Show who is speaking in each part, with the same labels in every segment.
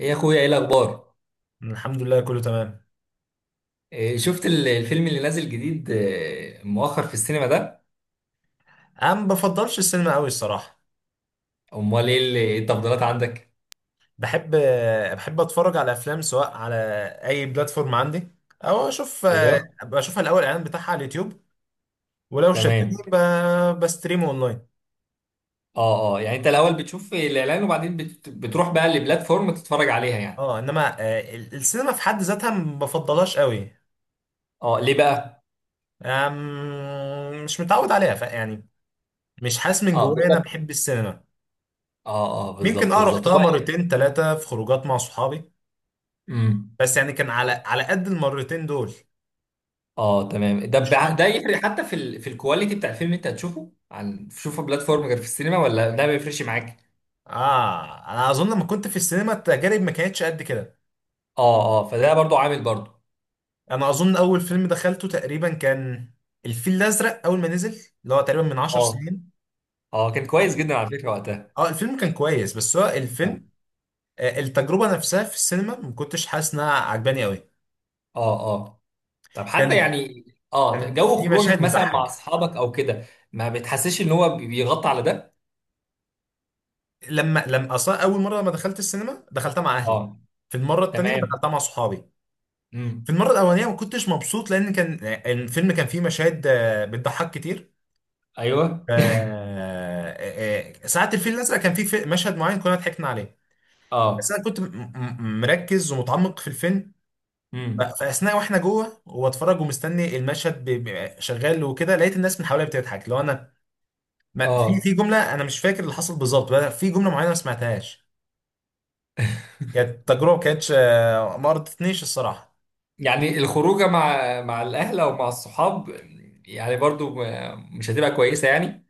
Speaker 1: ايه يا اخويا، ايه الاخبار؟
Speaker 2: الحمد لله، كله تمام.
Speaker 1: إيه، شفت الفيلم اللي نازل جديد، مؤخر في السينما ده؟
Speaker 2: انا ما بفضلش السينما قوي الصراحه.
Speaker 1: امال ايه إيه التفضيلات عندك؟
Speaker 2: بحب بحب اتفرج على افلام سواء على اي بلاتفورم عندي. او اشوف،
Speaker 1: ايوه.
Speaker 2: ابقى اشوف الاول الاعلان بتاعها على اليوتيوب. ولو
Speaker 1: تمام.
Speaker 2: شدني بستريمه اونلاين.
Speaker 1: اه، اه، يعني انت الاول بتشوف الاعلان وبعدين بتروح بقى لبلاتفورم تتفرج عليها يعني.
Speaker 2: اه انما السينما في حد ذاتها ما بفضلهاش قوي.
Speaker 1: اه، ليه بقى؟
Speaker 2: مش متعود عليها يعني مش حاسس من
Speaker 1: اه،
Speaker 2: جوايا انا
Speaker 1: بالظبط.
Speaker 2: بحب السينما.
Speaker 1: اه، اه،
Speaker 2: ممكن
Speaker 1: بالظبط بالظبط
Speaker 2: رحتها
Speaker 1: هو.
Speaker 2: مرتين ثلاثه في خروجات مع صحابي.
Speaker 1: امم.
Speaker 2: بس يعني كان على قد المرتين دول.
Speaker 1: اه، تمام.
Speaker 2: مش،
Speaker 1: ده يفرق حتى في في الكواليتي بتاع الفيلم اللي انت هتشوفه عن تشوفه بلاتفورم غير في السينما، ولا ده ما بيفرقش معاك؟
Speaker 2: اه انا اظن لما كنت في السينما التجارب ما كانتش قد كده.
Speaker 1: اه، اه، فده برضو عامل برضو.
Speaker 2: انا اظن اول فيلم دخلته تقريبا كان الفيل الازرق اول ما نزل، اللي هو تقريبا من 10
Speaker 1: اه،
Speaker 2: سنين.
Speaker 1: اه، كان كويس
Speaker 2: اه،
Speaker 1: جدا على فكرة وقتها.
Speaker 2: الفيلم كان كويس، بس هو الفيلم التجربه نفسها في السينما ما كنتش حاسس انها عجباني قوي.
Speaker 1: اه، اه، طب حتى
Speaker 2: كان
Speaker 1: يعني، اه،
Speaker 2: كان
Speaker 1: جو
Speaker 2: في
Speaker 1: خروجك
Speaker 2: مشاهد
Speaker 1: مثلا مع
Speaker 2: بتضحك.
Speaker 1: اصحابك او كده، ما بتحسش ان هو بيغطي على ده؟
Speaker 2: لما اصلا اول مره لما دخلت السينما دخلتها مع اهلي.
Speaker 1: اه،
Speaker 2: في المره التانيه
Speaker 1: تمام.
Speaker 2: دخلتها مع صحابي.
Speaker 1: امم.
Speaker 2: في المره الاولانيه ما كنتش مبسوط، لان كان الفيلم كان فيه مشاهد بتضحك كتير.
Speaker 1: ايوه.
Speaker 2: ف ساعة الفيل الأزرق كان مشهد معين كنا ضحكنا عليه. بس
Speaker 1: اه.
Speaker 2: أنا كنت مركز ومتعمق في الفيلم.
Speaker 1: امم.
Speaker 2: فأثناء وإحنا جوه وبتفرج ومستني المشهد شغال وكده، لقيت الناس من حواليا بتضحك لو أنا ما في
Speaker 1: اه،
Speaker 2: في جملة. أنا مش فاكر اللي حصل بالظبط، بقى في جملة معينة ما سمعتهاش. كانت تجربة ما كانتش ما رضتنيش الصراحة.
Speaker 1: يعني الخروجه مع الاهل او مع الصحاب، يعني برضو مش هتبقى كويسه يعني.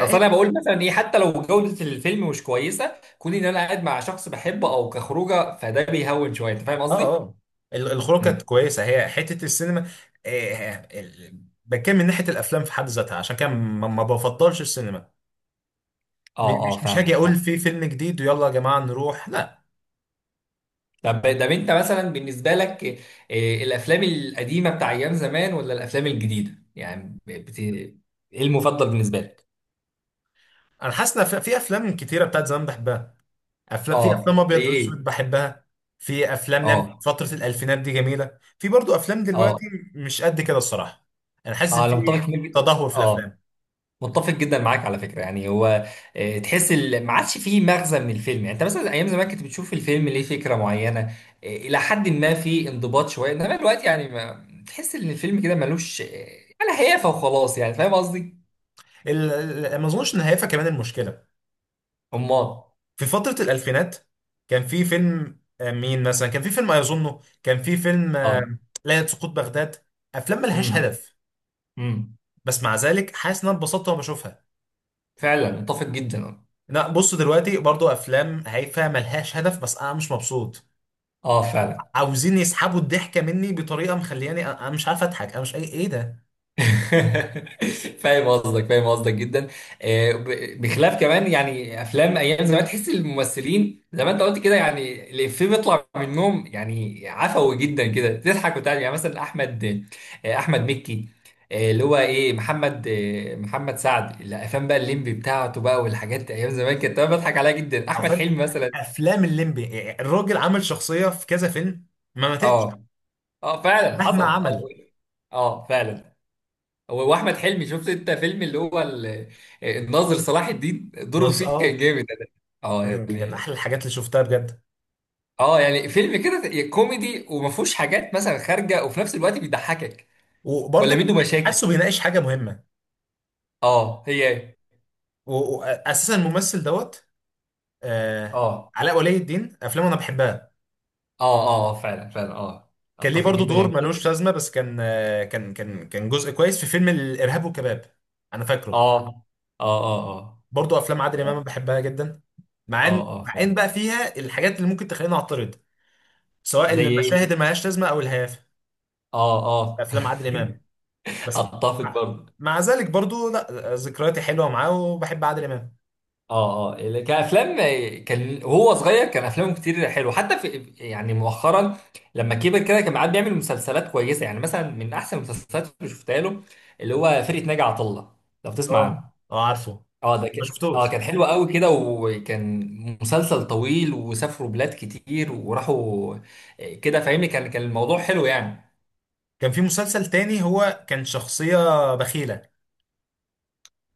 Speaker 1: اصل انا بقول مثلا ايه، حتى لو جوده الفيلم مش كويسه، كون ان انا قاعد مع شخص بحبه او كخروجه فده بيهون شويه، انت فاهم
Speaker 2: آه،
Speaker 1: قصدي؟
Speaker 2: آه. الخروج كانت
Speaker 1: امم.
Speaker 2: كويسة، هي حتة السينما. آه، آه، ال- بتكلم من ناحية الأفلام في حد ذاتها، عشان كده ما بفضلش السينما.
Speaker 1: اه، اه،
Speaker 2: مش هاجي
Speaker 1: فاهمك.
Speaker 2: اقول في فيلم جديد ويلا يا جماعه نروح، لا.
Speaker 1: طب، طب، انت مثلا بالنسبه لك، الافلام القديمه بتاع ايام زمان ولا الافلام الجديده، يعني ايه المفضل بالنسبه لك؟
Speaker 2: انا حاسس ان في افلام كتيره بتاعت زمان بحبها. افلام، في
Speaker 1: اه،
Speaker 2: افلام
Speaker 1: زي
Speaker 2: ابيض واسود
Speaker 1: ايه؟
Speaker 2: بحبها. في افلام لم
Speaker 1: اه.
Speaker 2: فتره الالفينات دي جميله. في برضو افلام
Speaker 1: اه.
Speaker 2: دلوقتي، مش قد كده الصراحه. انا حاسس إن
Speaker 1: اه،
Speaker 2: في
Speaker 1: انا متفق جدا-
Speaker 2: تدهور في
Speaker 1: اه،
Speaker 2: الافلام.
Speaker 1: متفق جدا معاك على فكره. يعني هو، تحس ما عادش فيه مغزى من الفيلم، يعني انت مثلا ايام زمان كنت بتشوف الفيلم ليه فكره معينه، الى حد ما في انضباط شويه، انما دلوقتي يعني ما... تحس ان الفيلم كده ملوش ولا هيافه وخلاص، يعني فاهم قصدي.
Speaker 2: ال- ما اظنش ان هيفا كمان المشكله.
Speaker 1: امال.
Speaker 2: في فتره الالفينات كان في فيلم مين مثلا، كان في فيلم اظنه كان في فيلم
Speaker 1: اه.
Speaker 2: ليله سقوط بغداد، افلام ملهاش هدف.
Speaker 1: امم.
Speaker 2: بس مع ذلك حاسس ان انا اتبسطت وانا بشوفها.
Speaker 1: فعلا اتفق جدا.
Speaker 2: لا بص، دلوقتي برضو افلام هايفه ملهاش هدف، بس انا مش مبسوط.
Speaker 1: اه، فعلا.
Speaker 2: عاوزين يسحبوا الضحكه مني بطريقه مخلياني أنا مش عارف اضحك. انا مش، اي، ايه ده؟
Speaker 1: فاهم قصدك، فاهم قصدك جدا. بخلاف كمان يعني افلام ايام زمان تحس الممثلين زي ما انت قلت كده، يعني الافيه بيطلع منهم يعني عفوي جدا كده، تضحك وتعمل يعني، مثلا احمد، احمد مكي، اللي هو ايه محمد، محمد سعد، الافلام بقى الليمبي بتاعته بقى والحاجات ايام زمان كانت أنا بضحك عليها جدا،
Speaker 2: او
Speaker 1: احمد
Speaker 2: فاهم.
Speaker 1: حلمي مثلا.
Speaker 2: افلام الليمبي، يعني الراجل عمل شخصيه في كذا فيلم ما ماتتش
Speaker 1: اه، اه، فعلا حصل
Speaker 2: مهما
Speaker 1: اه.
Speaker 2: عمل.
Speaker 1: اه، فعلا. هو واحمد حلمي، شفت انت فيلم اللي هو الناظر صلاح الدين، دوره فيه كان
Speaker 2: اه،
Speaker 1: جامد ده. اه
Speaker 2: كان
Speaker 1: يعني.
Speaker 2: احلى الحاجات اللي شفتها بجد.
Speaker 1: اه، يعني فيلم كده كوميدي وما فيهوش حاجات مثلا خارجه، وفي نفس الوقت بيضحكك، ولا
Speaker 2: وبرضو كان
Speaker 1: منه مشاكل.
Speaker 2: حاسه بيناقش حاجه مهمه،
Speaker 1: اه، هي.
Speaker 2: واساسا الممثل دوت آه،
Speaker 1: اه،
Speaker 2: علاء ولي الدين افلامه انا بحبها.
Speaker 1: اه، اه، فعلا فعلا اه.
Speaker 2: كان ليه
Speaker 1: اتفق
Speaker 2: برضو
Speaker 1: جدا
Speaker 2: دور
Speaker 1: يعني.
Speaker 2: ملوش لازمه، بس كان جزء كويس في فيلم الارهاب والكباب. انا فاكره.
Speaker 1: اه، اه، اه،
Speaker 2: برضو افلام عادل
Speaker 1: اه،
Speaker 2: امام أنا بحبها جدا، مع
Speaker 1: اه،
Speaker 2: ان
Speaker 1: اه،
Speaker 2: مع ان
Speaker 1: فعلا.
Speaker 2: بقى فيها الحاجات اللي ممكن تخليني اعترض، سواء
Speaker 1: زي ايه؟
Speaker 2: المشاهد اللي ملهاش لازمه او الهيافه
Speaker 1: اه،
Speaker 2: في
Speaker 1: اه.
Speaker 2: افلام عادل امام. بس،
Speaker 1: اتفق
Speaker 2: مع,
Speaker 1: برضه.
Speaker 2: مع ذلك برضو، لا، ذكرياتي حلوه معاه وبحب عادل امام.
Speaker 1: اه، اه، كافلام، كان وهو صغير كان افلامه كتير حلو، حتى في يعني مؤخرا، لما كبر كده كان قاعد بيعمل مسلسلات كويسه. يعني مثلا من احسن المسلسلات اللي شفتها له، اللي هو فرقه ناجي عطا الله، لو بتسمع
Speaker 2: اه،
Speaker 1: عنه.
Speaker 2: اه، عارفه.
Speaker 1: اه، ده
Speaker 2: ما
Speaker 1: كان، اه،
Speaker 2: شفتوش.
Speaker 1: كان حلو قوي كده، وكان مسلسل طويل وسافروا بلاد كتير وراحوا، كده فاهمني، كان الموضوع حلو يعني.
Speaker 2: كان في مسلسل تاني هو كان شخصيه بخيله،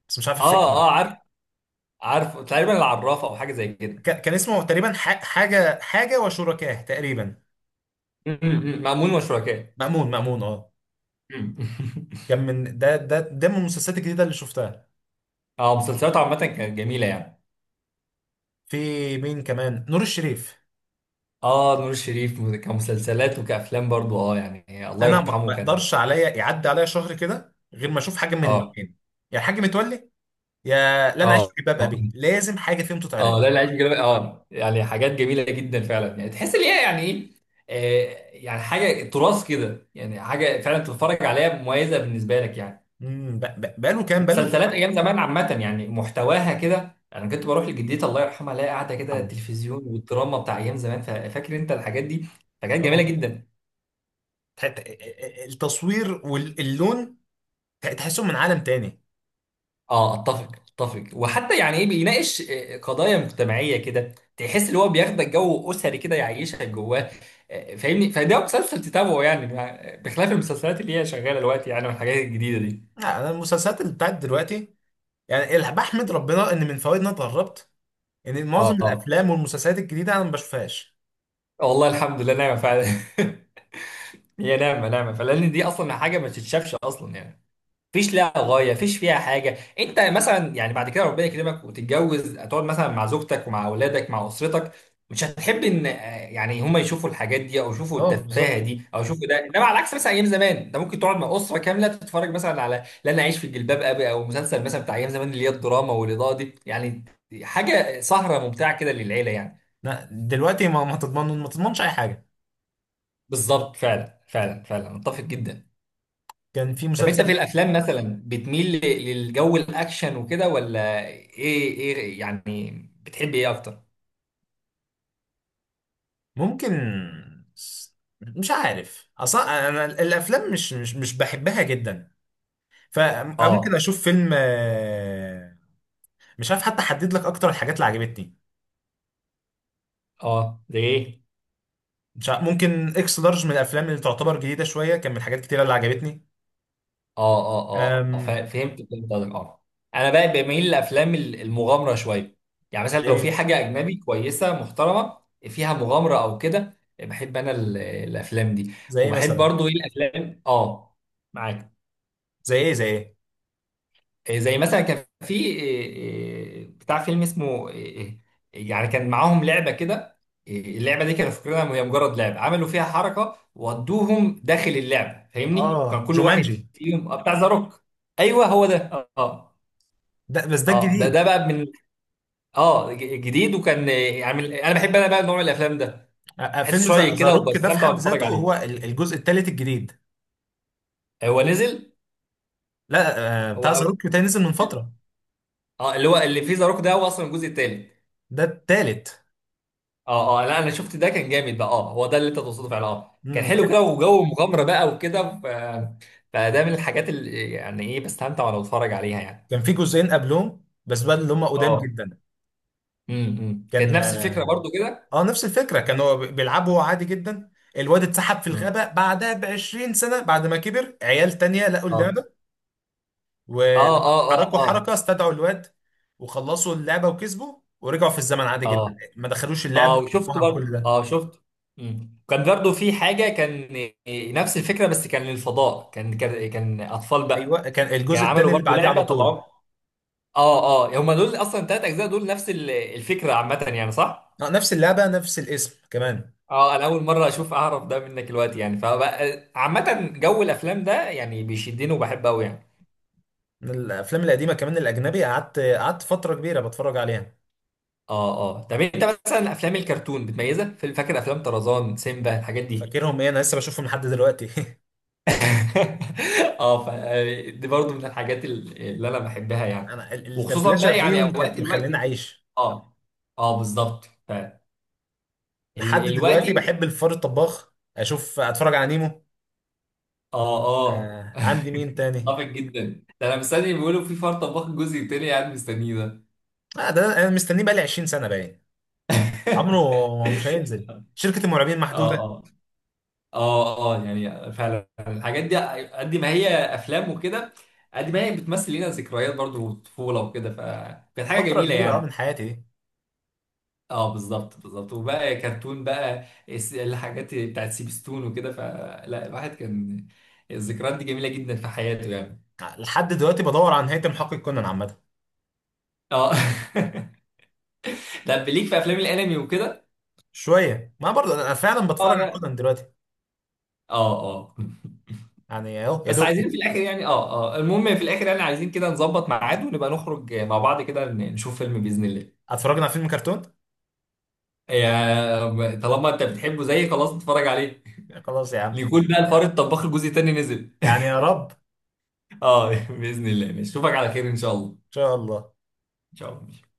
Speaker 2: بس مش عارف افتكر.
Speaker 1: اه، اه، عارف، عارف تقريبا العرافه او حاجه زي كده.
Speaker 2: كان اسمه تقريبا حاجه وشركاه تقريبا.
Speaker 1: م- م- م. مأمون وشركاه.
Speaker 2: مأمون، مأمون، اه.
Speaker 1: م- م.
Speaker 2: كان من ده، من المسلسلات الجديدة اللي شفتها.
Speaker 1: اه، مسلسلاته عامه كانت جميله يعني.
Speaker 2: في مين كمان؟ نور الشريف.
Speaker 1: اه، نور الشريف كمسلسلات وكافلام برضو، اه يعني الله
Speaker 2: انا ما
Speaker 1: يرحمه كان.
Speaker 2: اقدرش عليا يعدي عليا شهر كده غير ما اشوف حاجة من
Speaker 1: اه،
Speaker 2: الاثنين. يا الحاج متولي، يا لا انا عايش في
Speaker 1: اه،
Speaker 2: جلباب
Speaker 1: اه.
Speaker 2: ابي، لازم حاجة فيهم
Speaker 1: اه،
Speaker 2: تتعرض.
Speaker 1: لا، العيش بجلبه، اه يعني حاجات جميله جدا فعلا، يعني تحس ان هي يعني ايه، يعني حاجه تراث كده، يعني حاجه فعلا تتفرج عليها مميزه بالنسبه لك يعني.
Speaker 2: امم، بقاله كام، بقاله.
Speaker 1: مسلسلات ايام زمان عامه يعني محتواها كده، انا كنت بروح لجدتي الله يرحمها الاقي قاعده كده
Speaker 2: عم.
Speaker 1: التلفزيون والدراما بتاع ايام زمان، فاكر انت الحاجات دي. فكانت جميله
Speaker 2: اه،
Speaker 1: جدا.
Speaker 2: ت- ت- التصوير واللون، تحسهم من عالم تاني.
Speaker 1: اه، اتفق. اتفق، وحتى يعني ايه بيناقش قضايا مجتمعيه كده، تحس اللي هو بياخدك جو اسري كده، يعيشك جواه، فاهمني، فده مسلسل تتابعه يعني، بخلاف المسلسلات اللي هي شغاله دلوقتي يعني والحاجات الجديده دي.
Speaker 2: لا، انا المسلسلات اللي بتاعت دلوقتي، يعني بحمد ربنا ان من فوائد إن انا اتغربت ان معظم
Speaker 1: اه،
Speaker 2: الافلام والمسلسلات الجديدة انا ما بشوفهاش.
Speaker 1: والله الحمد لله نعمه فعلا. هي نعمه نعمه، فلان دي اصلا حاجه ما تتشافش اصلا يعني، مفيش لها غايه، مفيش فيها حاجه. انت مثلا يعني بعد كده ربنا يكرمك وتتجوز هتقعد مثلا مع زوجتك ومع اولادك مع اسرتك، مش هتحب ان يعني هم يشوفوا الحاجات دي او يشوفوا
Speaker 2: اه
Speaker 1: التفاهه
Speaker 2: بالظبط.
Speaker 1: دي او يشوفوا ده، انما على عكس مثلا ايام زمان انت ممكن تقعد مع اسره كامله تتفرج مثلا على لن اعيش في جلباب ابي، او مسلسل مثلا بتاع ايام زمان اللي هي الدراما والاضاءه دي، يعني حاجه سهره ممتعه كده للعيله يعني.
Speaker 2: لا دلوقتي، ما ما تضمن ما تضمنش اي حاجه.
Speaker 1: بالظبط، فعلا فعلا فعلا، متفق جدا.
Speaker 2: كان في
Speaker 1: طب انت في
Speaker 2: مسلسل.
Speaker 1: الافلام مثلا بتميل للجو الاكشن وكده ولا ايه، ايه يعني، بتحب ايه اكتر؟
Speaker 2: ممكن، س- مش عارف اصلا، انا الافلام مش بحبها جدا. فممكن
Speaker 1: اه،
Speaker 2: اشوف فيلم مش عارف، حتى احدد لك اكتر الحاجات اللي عجبتني.
Speaker 1: اه، ده ايه؟
Speaker 2: مش عارف، ممكن اكس لارج من الافلام اللي تعتبر جديده شويه، كان من الحاجات كتيره اللي عجبتني.
Speaker 1: اه، اه، اه،
Speaker 2: أم...
Speaker 1: فهمت، فهمت قصدك اه. انا بقى بميل لافلام المغامره شويه، يعني مثلا
Speaker 2: زي
Speaker 1: لو في
Speaker 2: ايه؟
Speaker 1: حاجه اجنبي كويسه محترمه فيها مغامره او كده بحب انا الافلام دي،
Speaker 2: زي ايه
Speaker 1: وبحب
Speaker 2: مثلا؟
Speaker 1: برضو ايه الافلام اه، معاك.
Speaker 2: زي ايه؟ زي ايه؟
Speaker 1: زي مثلا كان في إيه، إيه، بتاع فيلم اسمه إيه، إيه، يعني كان معاهم لعبه كده، اللعبه دي كانوا فاكرينها هي مجرد لعبه، عملوا فيها حركه ودوهم داخل اللعبه، فاهمني، كان
Speaker 2: اه،
Speaker 1: كل واحد
Speaker 2: جومانجي.
Speaker 1: فيهم بتاع ذا روك. ايوه، هو ده. اه.
Speaker 2: ده بس ده
Speaker 1: اه، ده
Speaker 2: الجديد.
Speaker 1: ده بقى من، اه جديد، وكان انا بحب، انا بقى نوع من الافلام ده، بحس
Speaker 2: فيلم
Speaker 1: شويه
Speaker 2: ذا
Speaker 1: كده
Speaker 2: روك ده في
Speaker 1: وبستمتع
Speaker 2: حد
Speaker 1: وانا بتفرج
Speaker 2: ذاته هو
Speaker 1: عليه.
Speaker 2: الجزء الثالث الجديد.
Speaker 1: هو نزل؟
Speaker 2: لا،
Speaker 1: هو
Speaker 2: بتاع ذا
Speaker 1: أو-
Speaker 2: روك ده نزل من فتره.
Speaker 1: اه، اللي هو اللي فيه ذا روك ده هو اصلا الجزء الثالث.
Speaker 2: ده التالت.
Speaker 1: اه، اه، لا انا شفت ده، كان جامد بقى. اه، هو ده اللي انت تقصده فعلا، اه كان
Speaker 2: مم،
Speaker 1: حلو
Speaker 2: ك-
Speaker 1: كده وجو مغامره بقى وكده فده من الحاجات اللي يعني ايه بستمتع وانا بتفرج عليها يعني.
Speaker 2: كان في جزئين قبلهم، بس بقى اللي هم قدام
Speaker 1: اه،
Speaker 2: جدا.
Speaker 1: امم، كانت
Speaker 2: كان
Speaker 1: نفس الفكره برضو كده.
Speaker 2: نفس الفكره، كان هو بيلعبه هو عادي جدا. الواد اتسحب في
Speaker 1: امم.
Speaker 2: الغابه، بعدها ب 20 سنه بعد ما كبر عيال تانية لقوا
Speaker 1: اه،
Speaker 2: اللعبه. ولما
Speaker 1: اه، اه، اه،
Speaker 2: حركوا حركه
Speaker 1: اه،
Speaker 2: استدعوا الواد، وخلصوا اللعبه وكسبوا ورجعوا في الزمن عادي جدا،
Speaker 1: اه،
Speaker 2: ما دخلوش
Speaker 1: اه،
Speaker 2: اللعبه
Speaker 1: وشفته
Speaker 2: وكل
Speaker 1: برضو،
Speaker 2: ده.
Speaker 1: اه شفته. امم، كان برضو في حاجه كان، نفس الفكره، بس كان للفضاء، كان اطفال بقى،
Speaker 2: ايوه، كان
Speaker 1: كان
Speaker 2: الجزء التاني
Speaker 1: عملوا
Speaker 2: اللي
Speaker 1: برضو
Speaker 2: بعديه على
Speaker 1: لعبه
Speaker 2: طول
Speaker 1: طلعوها. اه، اه، هم دول اصلا 3 اجزاء دول نفس الفكره عامه يعني، صح؟
Speaker 2: نفس اللعبه، نفس الاسم كمان.
Speaker 1: اه، انا اول مره اشوف، اعرف ده منك دلوقتي يعني، فبقى عامه جو الافلام ده يعني بيشدني وبحبه قوي يعني.
Speaker 2: من الافلام القديمه كمان الاجنبي، قعدت فتره كبيره بتفرج عليها.
Speaker 1: اه، اه، طب انت مثلا افلام الكرتون بتميزها، في فاكر افلام طرزان، سيمبا، الحاجات دي؟
Speaker 2: فاكرهم؟ ايه، انا لسه بشوفهم لحد دلوقتي.
Speaker 1: اه ف، دي برضو من الحاجات اللي انا بحبها يعني،
Speaker 2: انا
Speaker 1: وخصوصا
Speaker 2: الدبلجه
Speaker 1: بقى يعني
Speaker 2: فيهم
Speaker 1: اوقات
Speaker 2: كانت مخليني
Speaker 1: دلوقتي.
Speaker 2: عايش
Speaker 1: اه. اه، بالظبط ف
Speaker 2: لحد دلوقتي.
Speaker 1: دلوقتي.
Speaker 2: بحب الفار الطباخ، اشوف، اتفرج على نيمو.
Speaker 1: اه. اه.
Speaker 2: آه، عندي مين تاني؟
Speaker 1: اتفق جدا، ده انا مستني بيقولوا في فرط طباخ الجزء التاني، قاعد مستنيه ده.
Speaker 2: آه، ده انا مستنيه بقالي 20 سنه باين. عمره مش هينزل، شركه المرعبين
Speaker 1: اه،
Speaker 2: محدوده.
Speaker 1: اه، اه، اه، يعني فعلا الحاجات دي قد ما هي افلام وكده، قد ما هي بتمثل لنا ذكريات برضو وطفوله وكده، فكانت حاجه
Speaker 2: فتره
Speaker 1: جميله
Speaker 2: كبيره، اه، من
Speaker 1: يعني.
Speaker 2: حياتي دي.
Speaker 1: اه، بالظبط بالظبط، وبقى كرتون بقى الحاجات بتاعت سيبستون وكده، فلا الواحد كان الذكريات دي جميله جدا في حياته يعني.
Speaker 2: لحد دلوقتي بدور عن نهايه محقق كونان عامه.
Speaker 1: اه. طب ليك في افلام الانمي وكده؟
Speaker 2: شويه، ما برضه انا فعلا
Speaker 1: اه،
Speaker 2: بتفرج على
Speaker 1: لا.
Speaker 2: كونان دلوقتي.
Speaker 1: اه. اه.
Speaker 2: يعني اهو يا
Speaker 1: بس
Speaker 2: دوب.
Speaker 1: عايزين في الاخر يعني، اه، اه، المهم في الاخر يعني عايزين كده نظبط ميعاد ونبقى نخرج مع بعض كده نشوف فيلم باذن الله.
Speaker 2: اتفرجنا على فيلم كرتون.
Speaker 1: يا طالما انت بتحبه زيي، خلاص اتفرج عليه،
Speaker 2: خلاص يا عم.
Speaker 1: ليكون بقى الفار الطباخ الجزء التاني نزل.
Speaker 2: يعني يا رب ان
Speaker 1: اه، باذن الله، ماشي، اشوفك على خير ان شاء الله.
Speaker 2: شاء الله.
Speaker 1: ان شاء الله.